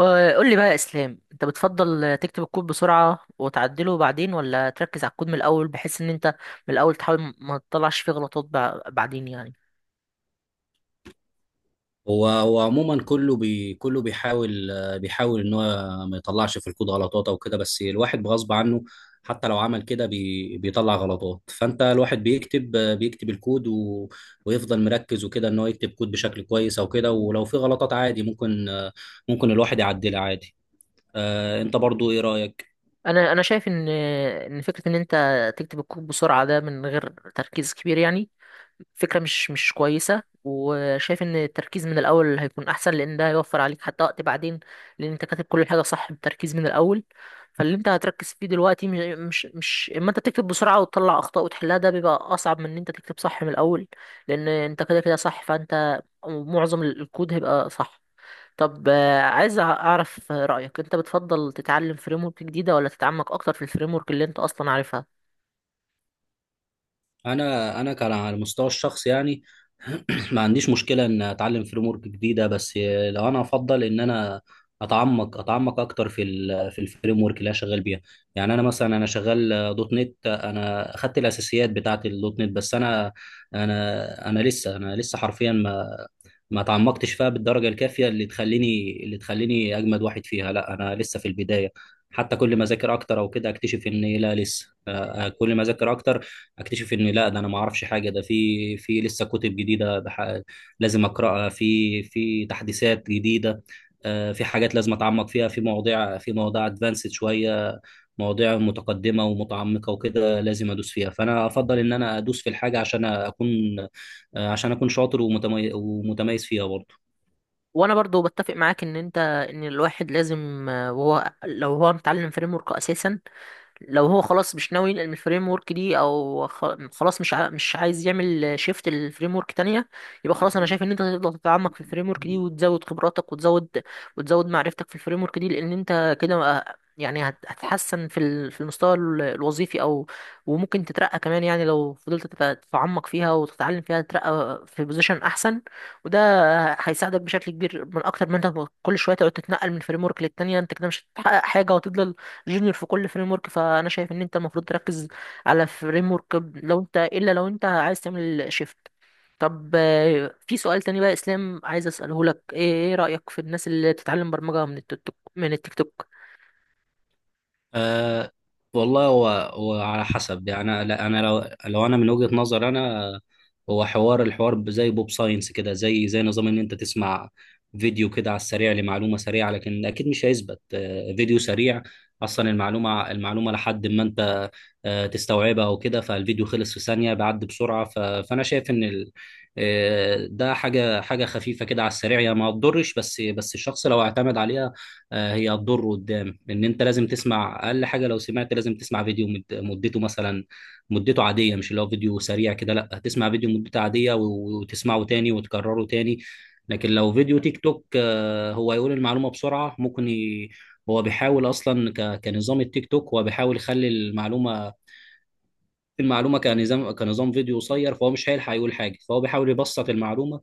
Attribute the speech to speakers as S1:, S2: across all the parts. S1: قول لي بقى يا اسلام، انت بتفضل تكتب الكود بسرعه وتعدله بعدين، ولا تركز على الكود من الاول بحيث ان انت من الاول تحاول ما تطلعش فيه غلطات بعدين يعني؟
S2: هو عموما، كله بيحاول ان هو ما يطلعش في الكود غلطات او كده، بس الواحد بغصب عنه حتى لو عمل كده بيطلع غلطات. فانت الواحد بيكتب الكود ويفضل مركز وكده ان هو يكتب كود بشكل كويس او كده، ولو في غلطات عادي ممكن الواحد يعدلها عادي. انت برضو ايه رأيك؟
S1: انا شايف ان فكره ان انت تكتب الكود بسرعه ده من غير تركيز كبير يعني فكرة مش كويسة، وشايف ان التركيز من الاول هيكون احسن، لان ده هيوفر عليك حتى وقت بعدين، لان انت كاتب كل حاجة صح بالتركيز من الاول. فاللي انت هتركز فيه دلوقتي مش اما انت بتكتب بسرعة وتطلع اخطاء وتحلها، ده بيبقى اصعب من ان انت تكتب صح من الاول، لان انت كده كده صح، فانت معظم الكود هيبقى صح. طب عايز اعرف رأيك، انت بتفضل تتعلم فريم ورك جديدة، ولا تتعمق اكتر في الفريم ورك اللي انت اصلا عارفها؟
S2: انا كان على المستوى الشخصي يعني ما عنديش مشكله ان اتعلم فريم ورك جديده، بس لو انا افضل ان انا اتعمق اكتر في الفريم ورك اللي انا شغال بيها. يعني انا مثلا انا شغال دوت نت، انا اخدت الاساسيات بتاعه الدوت نت، بس انا لسه حرفيا ما تعمقتش فيها بالدرجة الكافية اللي تخليني أجمد واحد فيها. لا، أنا لسه في البداية، حتى كل ما أذاكر أكتر أو كده أكتشف إن لا لسه كل ما أذاكر أكتر أكتشف إن لا، ده أنا ما أعرفش حاجة، ده في لسه كتب جديدة ده لازم أقرأها، في تحديثات جديدة. في حاجات لازم أتعمق فيها، في مواضيع أدفانسد شوية، مواضيع متقدمة ومتعمقة وكده لازم أدوس فيها. فأنا أفضل إن أنا أدوس في الحاجة عشان أكون عشان اكون شاطر ومتميز فيها برضه.
S1: وانا برضو بتفق معاك ان انت، ان الواحد لازم وهو لو هو متعلم فريم ورك اساسا، لو هو خلاص مش ناوي ينقل من الفريم ورك دي، او خلاص مش عايز يعمل شيفت لفريم ورك تانية، يبقى خلاص انا شايف ان انت تقدر تتعمق في الفريم ورك دي وتزود خبراتك وتزود معرفتك في الفريم ورك دي، لان انت كده يعني هتحسن في المستوى الوظيفي، او وممكن تترقى كمان، يعني لو فضلت تتعمق فيها وتتعلم فيها تترقى في بوزيشن احسن. وده هيساعدك بشكل كبير من اكتر من انت كل شويه تقعد تتنقل من فريم ورك للتانية، انت كده مش هتحقق حاجه وتفضل جونيور في كل فريم ورك. فانا شايف ان انت المفروض تركز على فريم ورك، لو انت لو انت عايز تعمل شيفت. طب في سؤال تاني بقى يا اسلام، عايز اساله لك، إيه رايك في الناس اللي بتتعلم برمجه من التيك توك، من التيك توك؟
S2: أه. والله هو على حسب يعني، لا انا، لو انا من وجهة نظر انا هو الحوار زي بوب ساينس كده، زي نظام ان انت تسمع فيديو كده على السريع لمعلومة سريعة. لكن اكيد مش هيثبت، فيديو سريع اصلا المعلومة لحد ما انت تستوعبها او كده، فالفيديو خلص في ثانية، بيعدي بسرعة. فانا شايف ان ده حاجة حاجة خفيفة كده على السريع يعني، ما تضرش. بس الشخص لو اعتمد عليها، هي هتضر قدام. ان انت لازم تسمع اقل حاجه لو سمعت، لازم تسمع فيديو مدته مثلا مدته عاديه، مش اللي هو فيديو سريع كده. لا، تسمع فيديو مدته عاديه وتسمعه تاني وتكرره تاني. لكن لو فيديو تيك توك، هو يقول المعلومه بسرعه، ممكن. هو بيحاول اصلا كنظام التيك توك، هو بيحاول يخلي المعلومه، كنظام فيديو قصير. فهو مش هيلحق يقول حاجه، فهو بيحاول يبسط المعلومه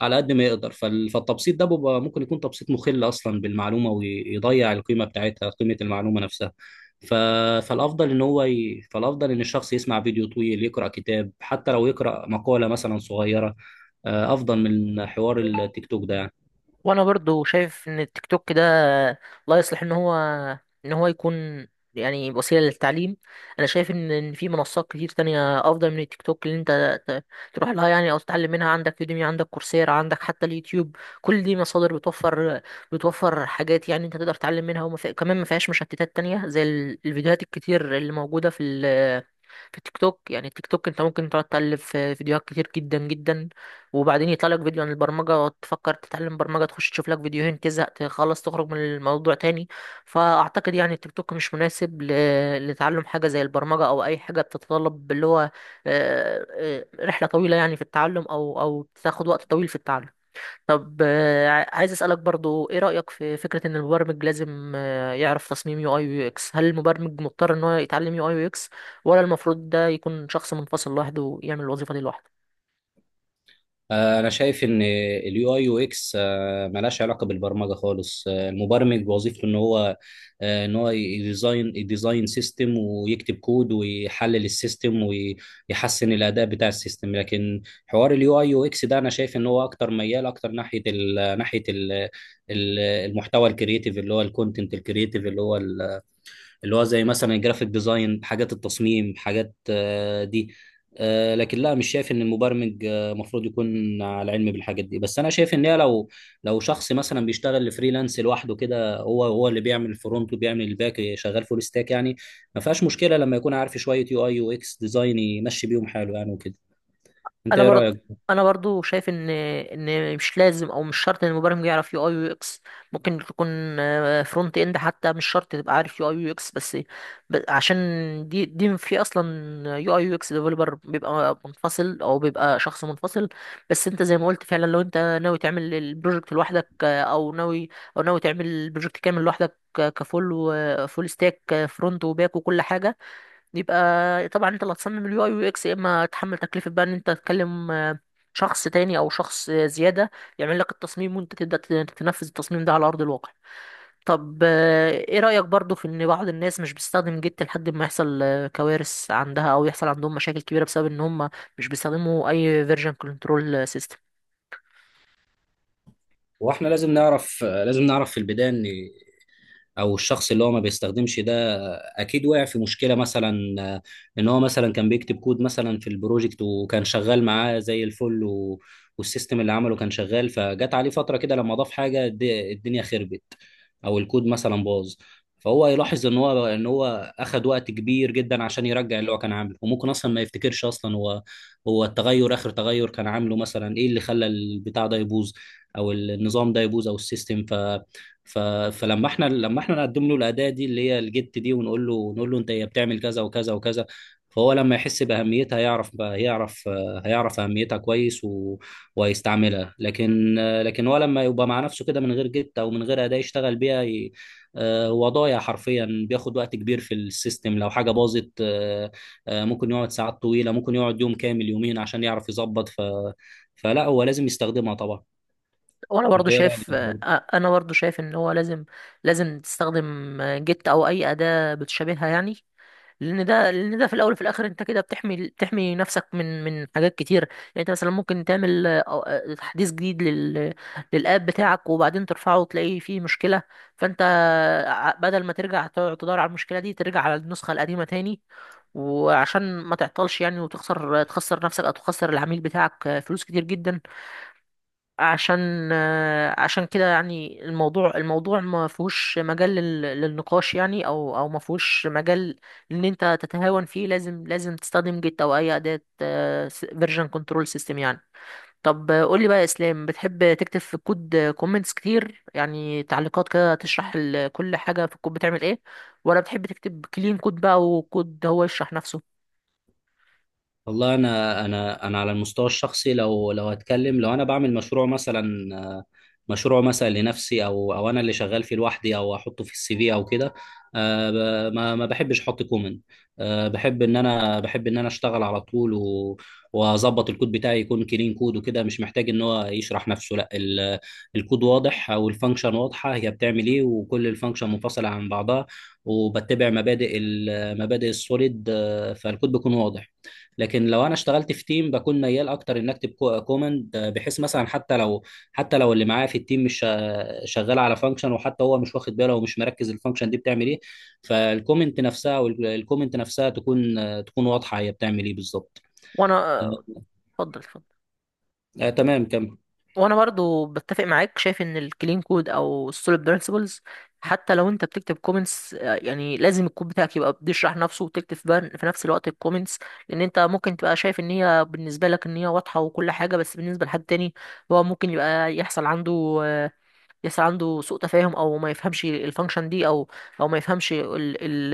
S2: على قد ما يقدر. فالتبسيط ده بيبقى ممكن يكون تبسيط مخل اصلا بالمعلومه، ويضيع القيمه بتاعتها، قيمه المعلومه نفسها. ف... فالافضل ان الشخص يسمع فيديو طويل، يقرا كتاب حتى، لو يقرا مقاله مثلا صغيره، افضل من حوار التيك توك ده يعني.
S1: وانا برضو شايف ان التيك توك ده لا يصلح ان هو يكون يعني وسيله للتعليم. انا شايف ان في منصات كتير تانية افضل من التيك توك اللي انت تروح لها يعني، او تتعلم منها. عندك يوديمي، عندك كورسيرا، عندك حتى اليوتيوب، كل دي مصادر بتوفر حاجات يعني انت تقدر تتعلم منها، كمان ما فيهاش مشتتات تانية زي الفيديوهات الكتير اللي موجوده في في التيك توك. يعني التيك توك انت ممكن تقعد تقلب في فيديوهات كتير جدا جدا، وبعدين يطلع لك فيديو عن البرمجة، تفكر تتعلم برمجة، تخش تشوف لك فيديوهين، تزهق، تخلص، تخرج من الموضوع تاني. فأعتقد يعني التيك توك مش مناسب لتعلم حاجة زي البرمجة أو أي حاجة بتتطلب اللي هو رحلة طويلة يعني في التعلم، أو أو بتاخد وقت طويل في التعلم. طب عايز اسالك برضو ايه رايك في فكره ان المبرمج لازم يعرف تصميم يو اي ويو اكس؟ هل المبرمج مضطر ان هو يتعلم يو اي ويو اكس، ولا المفروض ده يكون شخص منفصل لوحده ويعمل الوظيفه دي لوحده؟
S2: انا شايف ان اليو اي يو اكس ملهاش علاقه بالبرمجه خالص. المبرمج وظيفته ان هو يديزاين سيستم ويكتب كود ويحلل السيستم ويحسن الاداء بتاع السيستم. لكن حوار اليو اي يو اكس ده انا شايف ان هو اكتر ميال، اكتر ناحيه ال ناحيه ال المحتوى الكرييتيف اللي هو الكونتنت الكرييتيف، اللي هو زي مثلا الجرافيك ديزاين، حاجات التصميم، حاجات، دي. لكن لا، مش شايف ان المبرمج المفروض يكون على علم بالحاجات دي، بس انا شايف ان هي لو شخص مثلا بيشتغل فريلانس لوحده كده، هو اللي بيعمل الفرونت وبيعمل الباك، شغال فول ستاك يعني، ما فيهاش مشكله لما يكون عارف شويه يو اي يو اكس ديزاين، يمشي بيهم حاله يعني وكده. انت
S1: انا
S2: ايه رايك؟
S1: برضه انا برضو شايف ان مش لازم او مش شرط ان المبرمج يعرف يو اي يو اكس. ممكن تكون فرونت اند حتى مش شرط تبقى عارف يو اي يو اكس، بس عشان دي في اصلا يو اي يو اكس ديفلوبر بيبقى منفصل، او بيبقى شخص منفصل. بس انت زي ما قلت فعلا، لو انت ناوي تعمل البروجكت لوحدك، او ناوي او ناوي تعمل البروجكت كامل لوحدك كفول وفول ستاك فرونت وباك وكل حاجه، يبقى طبعا انت اللي هتصمم اليو اي يو اكس، يا اما تحمل تكلفة بقى ان انت تكلم شخص تاني او شخص زيادة يعمل لك التصميم، وانت تبدأ تنفذ التصميم ده على ارض الواقع. طب ايه رأيك برضو في ان بعض الناس مش بتستخدم جيت لحد ما يحصل كوارث عندها، او يحصل عندهم مشاكل كبيرة بسبب ان هم مش بيستخدموا اي فيرجن كنترول سيستم؟
S2: واحنا لازم نعرف، في البدايه ان او الشخص اللي هو ما بيستخدمش ده اكيد وقع في مشكله مثلا. آه، ان هو مثلا كان بيكتب كود مثلا في البروجكت، وكان شغال معاه زي الفل والسيستم اللي عمله كان شغال، فجت عليه فتره كده لما ضاف حاجه الدنيا خربت او الكود مثلا باظ. فهو يلاحظ ان هو اخد وقت كبير جدا عشان يرجع اللي هو كان عامله، وممكن اصلا ما يفتكرش اصلا هو التغير، اخر تغير كان عامله مثلا ايه اللي خلى البتاع ده يبوظ او النظام ده يبوظ او السيستم. ف ف فلما احنا نقدم له الاداه دي اللي هي الجيت دي، ونقول له انت هي بتعمل كذا وكذا وكذا. فهو لما يحس باهميتها، يعرف، هيعرف اهميتها كويس ويستعملها. لكن هو لما يبقى مع نفسه كده من غير جت او من غير اداة يشتغل بيها، هو ضايع حرفيا، بياخد وقت كبير في السيستم لو حاجة باظت. ممكن يقعد ساعات طويلة، ممكن يقعد يوم كامل، يومين عشان يعرف يظبط. فلا، هو لازم يستخدمها طبعا.
S1: وانا
S2: انت
S1: برضو
S2: ايه
S1: شايف
S2: رأيك؟
S1: انا برضو شايف ان هو لازم، لازم تستخدم جيت او اي أداة بتشابهها يعني، لان ده لان ده في الاول وفي الاخر انت كده بتحمي نفسك من حاجات كتير. يعني انت مثلا ممكن تعمل تحديث جديد للاب بتاعك، وبعدين ترفعه وتلاقي فيه مشكله، فانت بدل ما ترجع تقعد تدور على المشكله دي، ترجع على النسخه القديمه تاني، وعشان ما تعطلش يعني وتخسر، نفسك او تخسر العميل بتاعك فلوس كتير جدا. عشان كده يعني الموضوع، الموضوع ما فيهوش مجال للنقاش يعني، او او ما فيهوش مجال ان انت تتهاون فيه. لازم، لازم تستخدم جيت او اي اداة فيرجن كنترول سيستم يعني. طب قول لي بقى يا اسلام، بتحب تكتب في الكود كومنتس كتير يعني تعليقات كده تشرح كل حاجة في الكود بتعمل ايه، ولا بتحب تكتب كلين كود بقى وكود هو يشرح نفسه؟
S2: والله انا على المستوى الشخصي لو هتكلم، لو انا بعمل مشروع مثلا لنفسي، او انا اللي شغال فيه لوحدي، او احطه في السي في او كده، آه، ما بحبش احط كومنت. بحب ان انا اشتغل على طول واظبط الكود بتاعي، يكون كلين كود وكده، مش محتاج ان هو يشرح نفسه. لا، الكود واضح، او الفانكشن واضحه هي بتعمل ايه، وكل الفانكشن منفصله عن بعضها وبتبع مبادئ مبادئ السوليد. فالكود بيكون واضح. لكن لو انا اشتغلت في تيم، بكون ميال اكتر ان اكتب كومند، بحيث مثلا حتى لو، اللي معايا في التيم مش شغال على فانكشن، وحتى هو مش واخد باله ومش مركز الفانكشن دي بتعمل ايه. فالكومنت نفسها تكون واضحه هي بتعمل ايه بالظبط.
S1: وانا
S2: آه،
S1: اتفضل اتفضل.
S2: آه، تمام، كمل.
S1: وانا برضو بتفق معاك، شايف ان الكلين كود او السوليد برينسيبلز حتى لو انت بتكتب كومنتس يعني لازم الكود بتاعك يبقى بيشرح نفسه، وتكتب في في نفس الوقت الكومنتس، لان انت ممكن تبقى شايف ان هي بالنسبه لك ان هي واضحه وكل حاجه، بس بالنسبه لحد تاني هو ممكن يبقى يحصل عنده آه، يسعى عنده سوء تفاهم، او ما يفهمش الفانكشن دي، او او ما يفهمش ال ال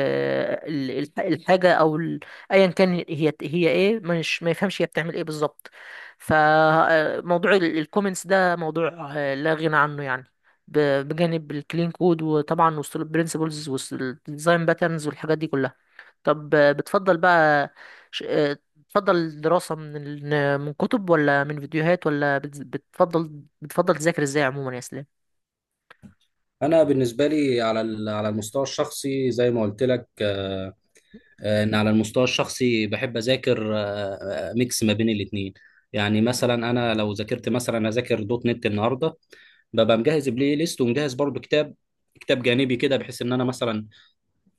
S1: ال ال- الحاجه، ايا كان هي، هي ايه مش ما يفهمش هي بتعمل ايه بالظبط. فموضوع الكومنتس ده موضوع لا غنى عنه يعني، ب- بجانب الكلين كود، وطبعا وسط البرنسبلز، وسط الديزاين باترنز والحاجات دي كلها. طب بتفضل بقى بتفضل الدراسة من كتب، ولا من فيديوهات، ولا بتفضل تذاكر ازاي عموما يا اسلام؟
S2: انا بالنسبه لي على على المستوى الشخصي زي ما قلت لك، ان على المستوى الشخصي بحب اذاكر ميكس ما بين الاثنين. يعني مثلا انا لو ذاكرت مثلا اذاكر دوت نت النهارده، ببقى مجهز بلاي ليست ومجهز برضو كتاب، كتاب جانبي كده، بحيث ان انا مثلا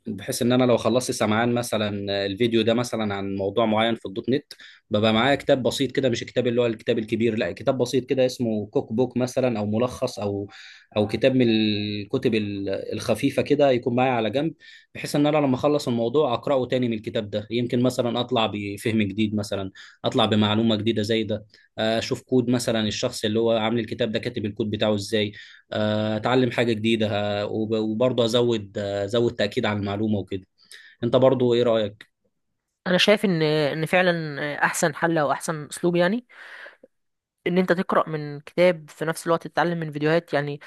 S2: بحيث ان انا لو خلصت سمعان مثلا الفيديو ده مثلا عن موضوع معين في الدوت نت، ببقى معايا كتاب بسيط كده، مش الكتاب اللي هو الكتاب الكبير. لا، كتاب بسيط كده اسمه كوك بوك مثلا او ملخص او كتاب من الكتب الخفيفه كده، يكون معايا على جنب، بحيث ان انا لما اخلص الموضوع اقراه تاني من الكتاب ده، يمكن مثلا اطلع بفهم جديد مثلا، اطلع بمعلومه جديده زي ده، اشوف كود مثلا الشخص اللي هو عامل الكتاب ده كاتب الكود بتاعه ازاي، اتعلم حاجه جديده، وبرضه ازود تأكيد على المعلومة وكده. انت برضو ايه رأيك؟
S1: انا شايف ان فعلا احسن حل او احسن اسلوب يعني ان انت تقرا من كتاب في نفس الوقت تتعلم من فيديوهات يعني.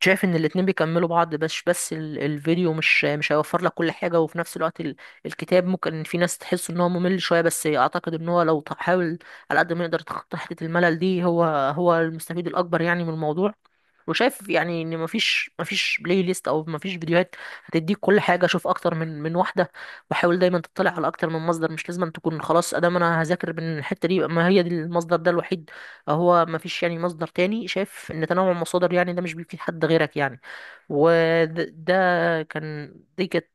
S1: شايف ان الاتنين بيكملوا بعض، بس الفيديو مش هيوفر لك كل حاجه، وفي نفس الوقت الكتاب ممكن في ناس تحس ان هو ممل شويه، بس اعتقد ان هو لو تحاول على قد ما يقدر تخطي حته الملل دي، هو هو المستفيد الاكبر يعني من الموضوع. وشايف يعني ان مفيش بلاي ليست او مفيش فيديوهات هتديك كل حاجه، شوف اكتر من واحده، وحاول دايما تطلع على اكتر من مصدر. مش لازم تكون خلاص ادام انا هذاكر من الحته دي يبقى ما هي دي المصدر ده الوحيد، هو مفيش يعني مصدر تاني. شايف ان تنوع المصادر يعني ده مش بيفيد حد غيرك يعني. وده ده كان دي كانت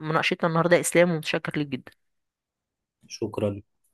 S1: مناقشتنا النهارده اسلام، ومتشكر ليك جدا.
S2: شكرا.